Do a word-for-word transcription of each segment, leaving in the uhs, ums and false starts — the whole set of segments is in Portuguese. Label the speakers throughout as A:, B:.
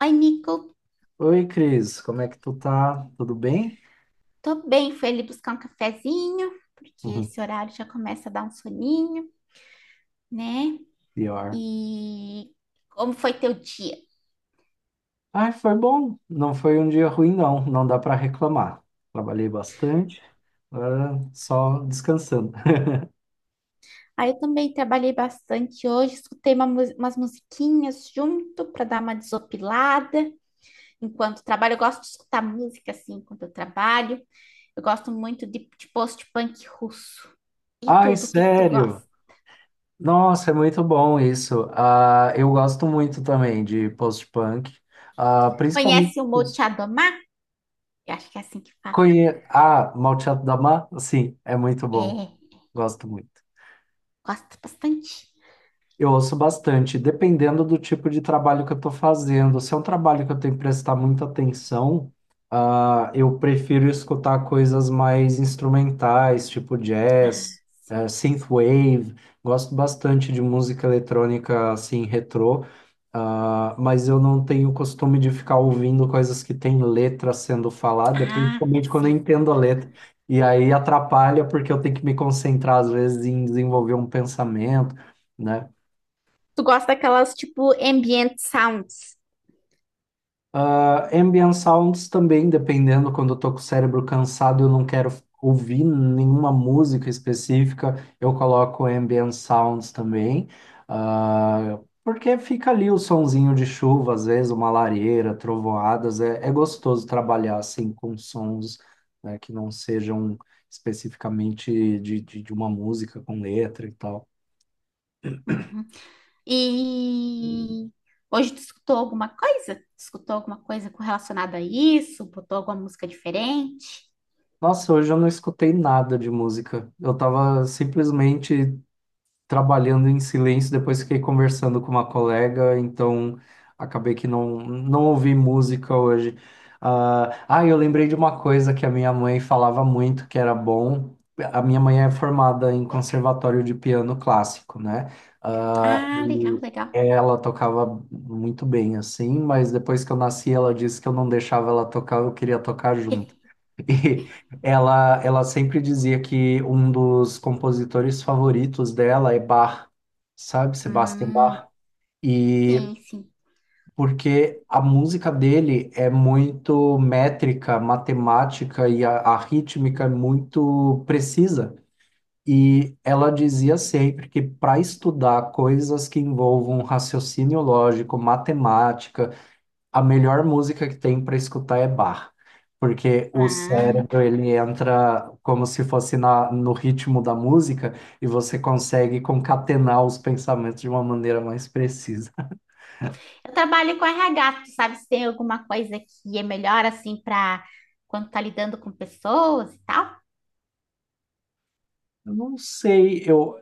A: Oi, Nico.
B: Oi, Cris, como é que tu tá? Tudo bem?
A: Tô bem, fui ali buscar um cafezinho, porque
B: Uhum.
A: esse horário já começa a dar um soninho, né?
B: Pior.
A: E como foi teu dia?
B: Ai, foi bom. Não foi um dia ruim, não. Não dá para reclamar. Trabalhei bastante, agora só descansando.
A: Aí eu também trabalhei bastante hoje, escutei uma mu- umas musiquinhas junto para dar uma desopilada enquanto trabalho. Eu gosto de escutar música assim enquanto eu trabalho. Eu gosto muito de, de post-punk russo e
B: Ai,
A: tudo. O que que tu
B: sério?
A: gosta?
B: Nossa, é muito bom isso. Ah, eu gosto muito também de post-punk. Ah, principalmente
A: Conhece o
B: os-
A: Molchat Doma? Eu acho que é assim que fala.
B: conhe... Ah, Malteado da Mar, sim, é muito bom.
A: É,
B: Gosto muito.
A: gosto bastante.
B: Eu ouço bastante, dependendo do tipo de trabalho que eu estou fazendo. Se é um trabalho que eu tenho que prestar muita atenção, ah, eu prefiro escutar coisas mais instrumentais, tipo jazz, eh, synthwave. Gosto bastante de música eletrônica assim, retrô, ah, mas eu não tenho costume de ficar ouvindo coisas que têm letra sendo falada,
A: Ah,
B: principalmente quando eu
A: sim.
B: entendo a letra. E aí atrapalha porque eu tenho que me concentrar, às vezes, em desenvolver um pensamento, né?
A: Tu gosta daquelas tipo ambient sounds?
B: Ah, ambient sounds também, dependendo, quando eu tô com o cérebro cansado, eu não quero ouvir nenhuma música específica, eu coloco ambient sounds também. Ah, porque fica ali o sonzinho de chuva, às vezes uma lareira, trovoadas, é, é gostoso trabalhar assim com sons, né, que não sejam especificamente de, de, de uma música com letra e tal.
A: Uhum. E hoje tu escutou alguma coisa? Tu escutou alguma coisa relacionada a isso? Botou alguma música diferente?
B: Nossa, hoje eu não escutei nada de música. Eu tava simplesmente trabalhando em silêncio, depois fiquei conversando com uma colega, então acabei que não, não ouvi música hoje. Ah, ah, eu lembrei de uma coisa que a minha mãe falava muito que era bom. A minha mãe é formada em conservatório de piano clássico, né? Ah,
A: Ah, legal,
B: e
A: legal.
B: ela tocava muito bem assim, mas depois que eu nasci, ela disse que eu não deixava ela tocar, eu queria tocar junto. E ela, ela sempre dizia que um dos compositores favoritos dela é Bach, sabe? Sebastian
A: Hum,
B: Bach. E
A: sim, sim.
B: porque a música dele é muito métrica, matemática e a, a rítmica é muito precisa. E ela dizia sempre que para estudar coisas que envolvam raciocínio lógico, matemática, a melhor música que tem para escutar é Bach, porque o
A: Ah.
B: cérebro ele entra como se fosse na, no ritmo da música e você consegue concatenar os pensamentos de uma maneira mais precisa.
A: Eu trabalho com R H, tu sabe se tem alguma coisa que é melhor assim para quando tá lidando com pessoas e tal?
B: Eu não sei, eu,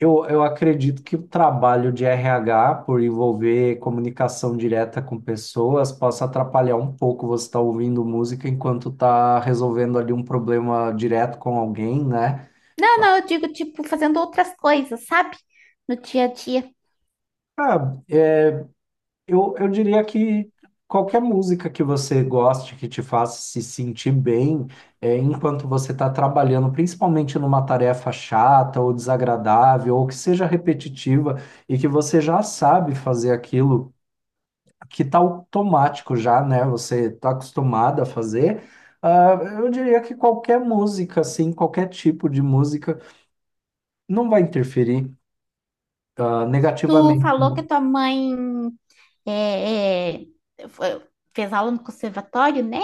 B: eu, eu acredito que o trabalho de R H, por envolver comunicação direta com pessoas, possa atrapalhar um pouco você estar ouvindo música enquanto está resolvendo ali um problema direto com alguém, né?
A: Não, não, eu digo tipo fazendo outras coisas, sabe? No dia a dia.
B: Eu, eu diria que qualquer música que você goste, que te faça se sentir bem, é, enquanto você está trabalhando, principalmente numa tarefa chata ou desagradável, ou que seja repetitiva e que você já sabe fazer aquilo que está automático já, né? Você está acostumado a fazer. ah, eu diria que qualquer música, assim, qualquer tipo de música, não vai interferir, ah,
A: Tu
B: negativamente.
A: falou que a tua mãe é, é, foi- fez aula no conservatório, né?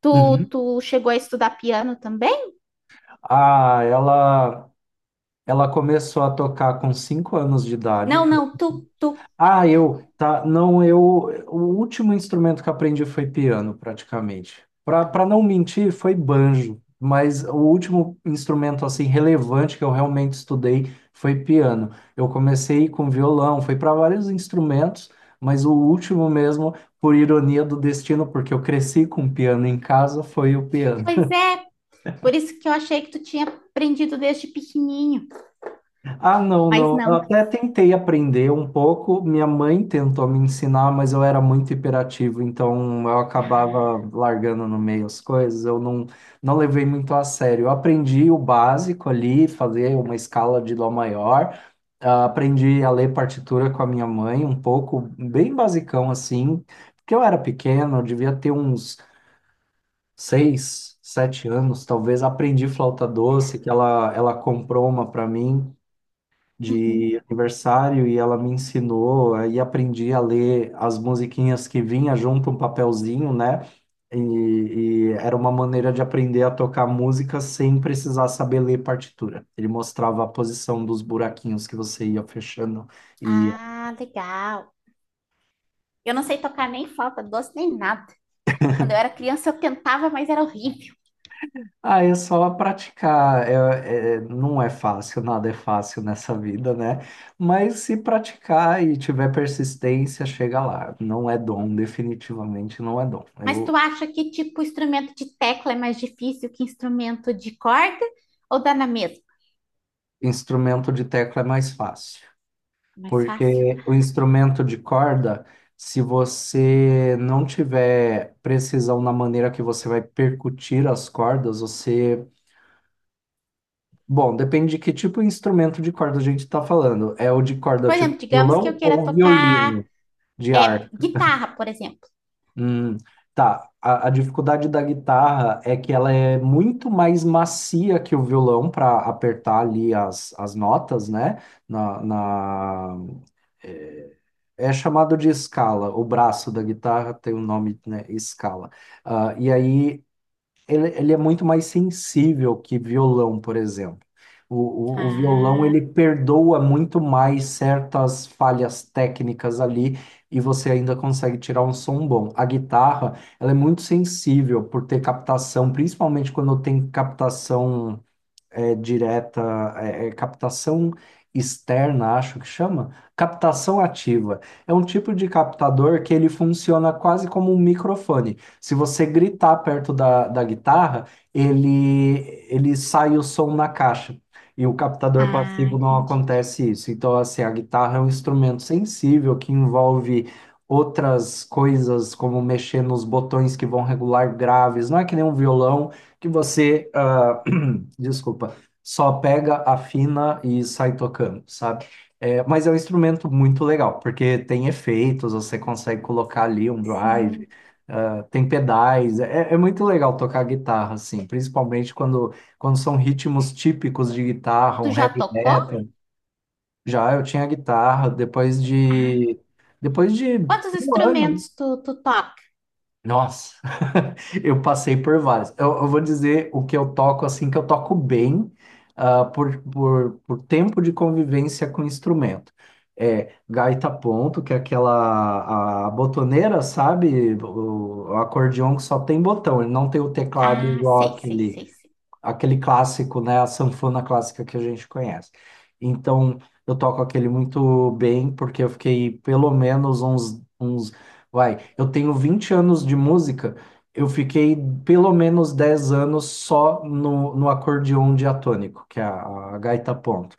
A: Tu,
B: Uhum.
A: tu chegou a estudar piano também?
B: Ah, ela. Ela começou a tocar com cinco anos de idade.
A: Não, não, tu, tu.
B: Ah, eu, tá, não, eu, O último instrumento que aprendi foi piano, praticamente. Para pra pra não mentir, foi banjo, mas o último instrumento, assim, relevante que eu realmente estudei foi piano. Eu comecei com violão, fui para vários instrumentos, mas o último mesmo, por ironia do destino, porque eu cresci com piano em casa, foi o piano.
A: Pois é, por isso que eu achei que tu tinha aprendido desde pequenininho,
B: Ah, não,
A: mas
B: não. Eu
A: não.
B: até tentei aprender um pouco. Minha mãe tentou me ensinar, mas eu era muito hiperativo, então eu acabava largando no meio as coisas. Eu não, Não levei muito a sério. Eu aprendi o básico ali, fazer uma escala de dó maior. Ah, aprendi a ler partitura com a minha mãe, um pouco, bem basicão assim, porque eu era pequeno, eu devia ter uns seis, sete anos, talvez. Aprendi flauta doce, que ela, ela comprou uma para mim
A: Uhum.
B: de aniversário e ela me ensinou, aí aprendi a ler as musiquinhas que vinha junto um papelzinho, né? E, e era uma maneira de aprender a tocar música sem precisar saber ler partitura. Ele mostrava a posição dos buraquinhos que você ia fechando e
A: Ah, legal. Eu não sei tocar nem flauta doce nem nada. Quando eu era criança eu tentava, mas era horrível.
B: ah, é só praticar. É, é- não é fácil, nada é fácil nessa vida, né? Mas se praticar e tiver persistência, chega lá. Não é dom, definitivamente não é dom.
A: Mas
B: Eu...
A: tu acha que tipo instrumento de tecla é mais difícil que instrumento de corda ou dá na mesma?
B: Instrumento de tecla é mais fácil,
A: Mais fácil.
B: porque o instrumento de corda, se você não tiver precisão na maneira que você vai percutir as cordas, você... Bom, depende de que tipo de instrumento de corda a gente está falando. É o de corda
A: Por
B: tipo
A: exemplo, digamos que eu
B: violão
A: queira
B: ou
A: tocar
B: violino de
A: é,
B: arco?
A: guitarra, por exemplo.
B: Hum, tá. A, a dificuldade da guitarra é que ela é muito mais macia que o violão para apertar ali as, as notas, né? na, na- É é chamado de escala. O braço da guitarra tem o nome, né, escala. Ah, e aí ele, ele é muito mais sensível que violão, por exemplo. O, o, o violão
A: Ah,
B: ele perdoa muito mais certas falhas técnicas ali e você ainda consegue tirar um som bom. A guitarra, ela é muito sensível por ter captação, principalmente quando tem captação, é, direta, é, é captação externa, acho que chama, captação ativa. É um tipo de captador que ele funciona quase como um microfone. Se você gritar perto da, da guitarra, ele, ele sai o som na caixa. E o captador
A: ah,
B: passivo não
A: entendi.
B: acontece isso. Então, assim, a guitarra é um instrumento sensível que envolve outras coisas, como mexer nos botões que vão regular graves. Não é que nem um violão que você, ah, desculpa, só pega, afina e sai tocando, sabe? É, mas é um instrumento muito legal, porque tem efeitos, você consegue colocar ali um drive,
A: Sim.
B: ah, tem pedais, é, é é muito legal tocar guitarra, assim, principalmente quando, quando são ritmos típicos de guitarra,
A: Tu
B: um
A: já
B: heavy
A: tocou?
B: metal. Já eu tinha guitarra, depois
A: Ah.
B: de, depois de
A: Quantos
B: um ano.
A: instrumentos tu, tu toca?
B: Nossa, eu passei por vários. Eu, eu vou dizer o que eu toco assim, que eu toco bem, ah, por, por, por tempo de convivência com o instrumento. É gaita ponto, que é aquela a botoneira, sabe? O, o acordeão que só tem botão, ele não tem o teclado
A: Ah,
B: igual
A: sei, sei,
B: aquele
A: sei, sei.
B: aquele clássico, né? A sanfona clássica que a gente conhece. Então, eu toco aquele muito bem, porque eu fiquei pelo menos uns, uns, vai, eu tenho vinte anos de música, eu fiquei pelo menos dez anos só no, no acordeão diatônico, que é a, a gaita ponto.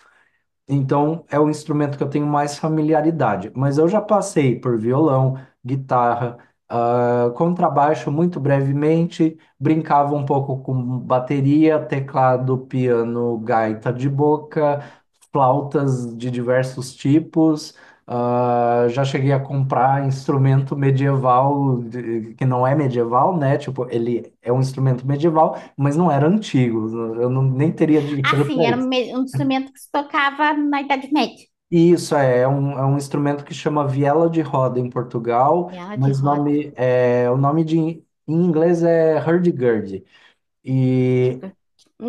B: Então, é o instrumento que eu tenho mais familiaridade. Mas eu já passei por violão, guitarra, ah, contrabaixo muito brevemente, brincava um pouco com bateria, teclado, piano, gaita de boca, flautas de diversos tipos. Ah, já cheguei a comprar instrumento medieval, de- que não é medieval, né? Tipo, ele é um instrumento medieval, mas não era antigo. Eu não, nem teria
A: Ah,
B: dinheiro
A: sim,
B: para
A: era um
B: isso.
A: me- um instrumento que se tocava na Idade Média.
B: Isso é, é um, é um instrumento que chama viela de roda em Portugal,
A: E ela de
B: mas o
A: roda.
B: nome, é, o nome de, em inglês é hurdy-gurdy. E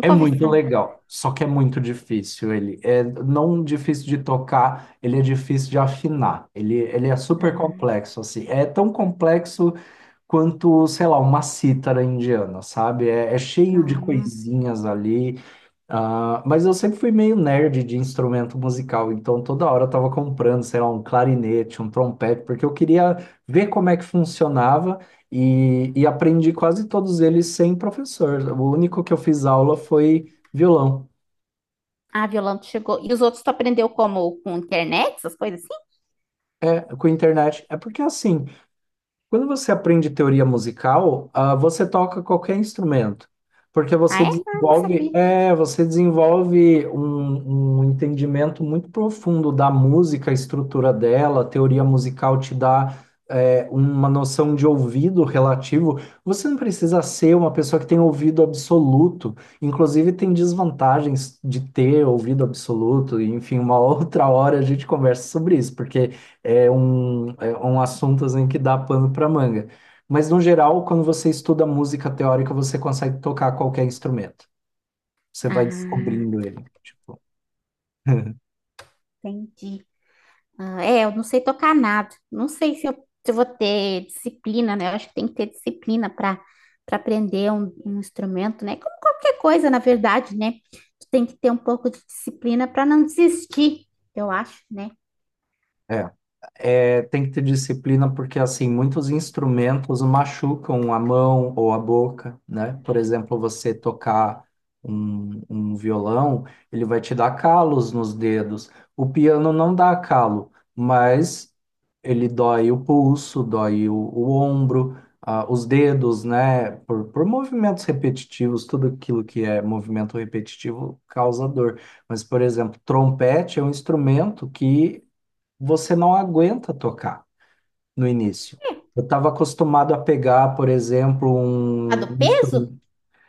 B: é
A: ouvi
B: muito
A: falar.
B: legal, só que é muito difícil ele. É não difícil de tocar, ele é difícil de afinar. Ele, ele é super
A: Ah,
B: complexo, assim. É tão complexo quanto, sei lá, uma cítara indiana, sabe? É, é cheio de
A: ah.
B: coisinhas ali. Ah, mas eu sempre fui meio nerd de instrumento musical, então toda hora eu tava comprando, sei lá, um clarinete, um trompete, porque eu queria ver como é que funcionava e, e aprendi quase todos eles sem professor. O único que eu fiz aula foi violão,
A: Ah, violão tu chegou. E os outros tu aprendeu como? Com internet, essas coisas assim?
B: é, com internet. É porque é assim, quando você aprende teoria musical, ah, você toca qualquer instrumento, porque você
A: Ah, é? Ah, não
B: desenvolve,
A: sabia.
B: é, você desenvolve um, um entendimento muito profundo da música, a estrutura dela, a teoria musical te dá, é, uma noção de ouvido relativo. Você não precisa ser uma pessoa que tem ouvido absoluto, inclusive tem desvantagens de ter ouvido absoluto, e, enfim, uma outra hora a gente conversa sobre isso, porque é um, é um assunto assim, que dá pano para manga. Mas, no geral, quando você estuda música teórica, você consegue tocar qualquer instrumento. Você vai
A: Ah,
B: descobrindo ele. Tipo,
A: entendi. Ah, é, eu não sei tocar nada. Não sei se eu, se eu vou ter disciplina, né? Eu acho que tem que ter disciplina para para aprender um, um instrumento, né? Como qualquer coisa, na verdade, né? Tu tem que ter um pouco de disciplina para não desistir, eu acho, né?
B: é. É, tem que ter disciplina porque, assim, muitos instrumentos machucam a mão ou a boca, né? Por exemplo, você tocar um, um violão, ele vai te dar calos nos dedos. O piano não dá calo, mas ele dói o pulso, dói o, o ombro, ah, os dedos, né? Por, por movimentos repetitivos, tudo aquilo que é movimento repetitivo causa dor. Mas, por exemplo, trompete é um instrumento que você não aguenta tocar no início. Eu estava acostumado a pegar, por exemplo,
A: A
B: um
A: do
B: um
A: peso?
B: instrumento.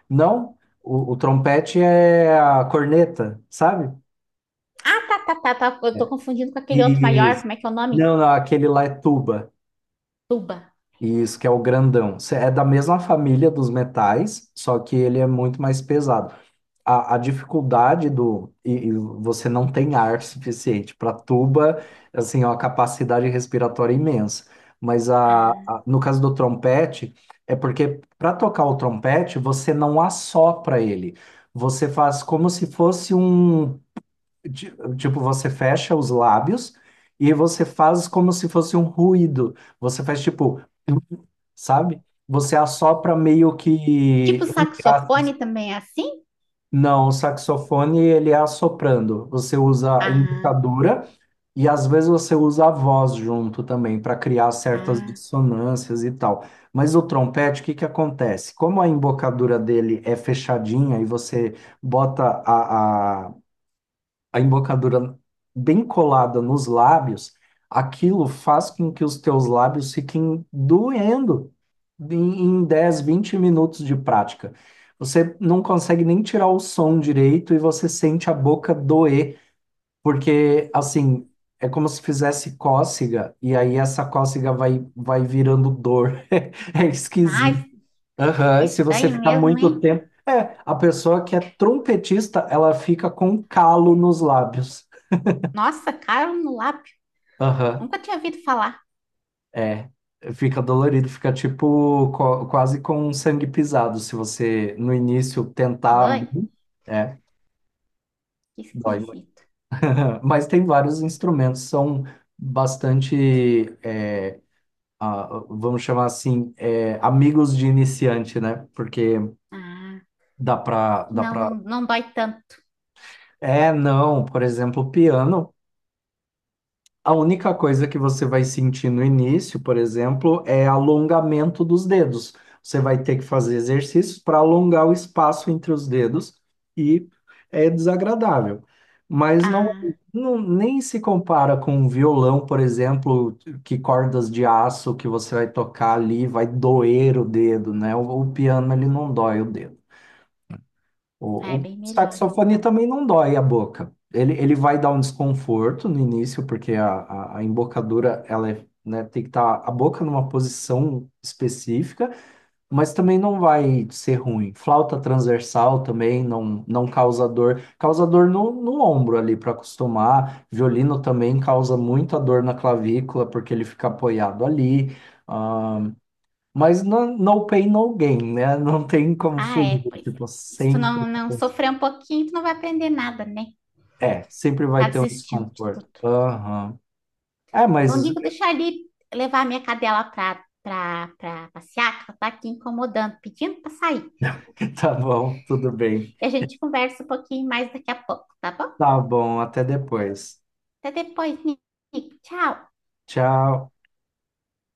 B: Não, o, o trompete é a corneta, sabe?
A: Ah, tá, tá, tá, tá. Eu tô confundindo com aquele
B: E
A: outro maior. Como é que é o nome?
B: não, não, aquele lá é tuba.
A: Tuba.
B: Isso, que é o grandão. Cê- É da mesma família dos metais, só que ele é muito mais pesado. a, a dificuldade do e, e você não tem ar suficiente para tuba, assim, é uma capacidade respiratória imensa. Mas a,
A: Ah,
B: a- no caso do trompete, é porque para tocar o trompete, você não assopra ele. Você faz como se fosse um, ti- tipo, você fecha os lábios e você faz como se fosse um ruído. Você faz tipo, sabe? Você assopra meio
A: tipo
B: que...
A: saxofone também é assim?
B: Não, o saxofone ele é assoprando. Você usa a
A: Ah,
B: embocadura e às vezes você usa a voz junto também para criar certas
A: ah.
B: dissonâncias e tal. Mas o trompete, o que que acontece? Como a embocadura dele é fechadinha e você bota a, a embocadura bem colada nos lábios, aquilo faz com que os teus lábios fiquem doendo em, em dez, vinte minutos de prática. Você não consegue nem tirar o som direito e você sente a boca doer, porque assim, é como se fizesse cócega e aí essa cócega vai, vai virando dor. É
A: Mas
B: esquisito. Aham. Se você
A: estranho
B: ficar
A: mesmo,
B: muito
A: hein?
B: tempo. É, a pessoa que é trompetista, ela fica com calo nos lábios.
A: Nossa, caro no lápio.
B: Aham,
A: Nunca tinha ouvido falar.
B: é. Fica dolorido, fica tipo co- quase com um sangue pisado. Se você no início tentar,
A: Ai,
B: muito, é,
A: que
B: dói muito.
A: esquisito.
B: Mas tem vários instrumentos, são bastante, é, a- vamos chamar assim, é, amigos de iniciante, né? Porque
A: Ah,
B: dá pra, dá
A: não,
B: pra.
A: não dói tanto.
B: É, não, por exemplo, o piano. A única coisa que você vai sentir no início, por exemplo, é alongamento dos dedos. Você vai ter que fazer exercícios para alongar o espaço entre os dedos e é desagradável. Mas não,
A: Ah,
B: não- nem se compara com um violão, por exemplo, que cordas de aço que você vai tocar ali vai doer o dedo, né? O, o piano ele não dói o dedo. O,
A: é
B: o
A: bem melhor
B: saxofone
A: então.
B: também não dói a boca. Ele, ele vai dar um desconforto no início, porque a, a, a embocadura, ela é, né, tem que estar a boca numa posição específica, mas também não vai ser ruim. Flauta transversal também não, não causa dor. Causa dor no, no ombro ali para acostumar. Violino também causa muita dor na clavícula, porque ele fica apoiado ali. Ah, mas no, no pain, no gain, né? Não tem como
A: Ah, é,
B: fugir.
A: pois é.
B: Tipo,
A: Se tu não,
B: sempre.
A: não sofrer um pouquinho, tu não vai aprender nada, né?
B: É, sempre vai
A: Ficar
B: ter um
A: desistindo de
B: desconforto.
A: tudo.
B: Aham. É, mas
A: Eu digo deixar ele levar a minha cadela pra, pra, pra passear, que ela tá aqui incomodando, pedindo pra sair.
B: tá bom, tudo bem.
A: E a gente conversa um pouquinho mais daqui a pouco, tá bom?
B: Tá bom, até depois.
A: Até depois, Nick. Tchau.
B: Tchau.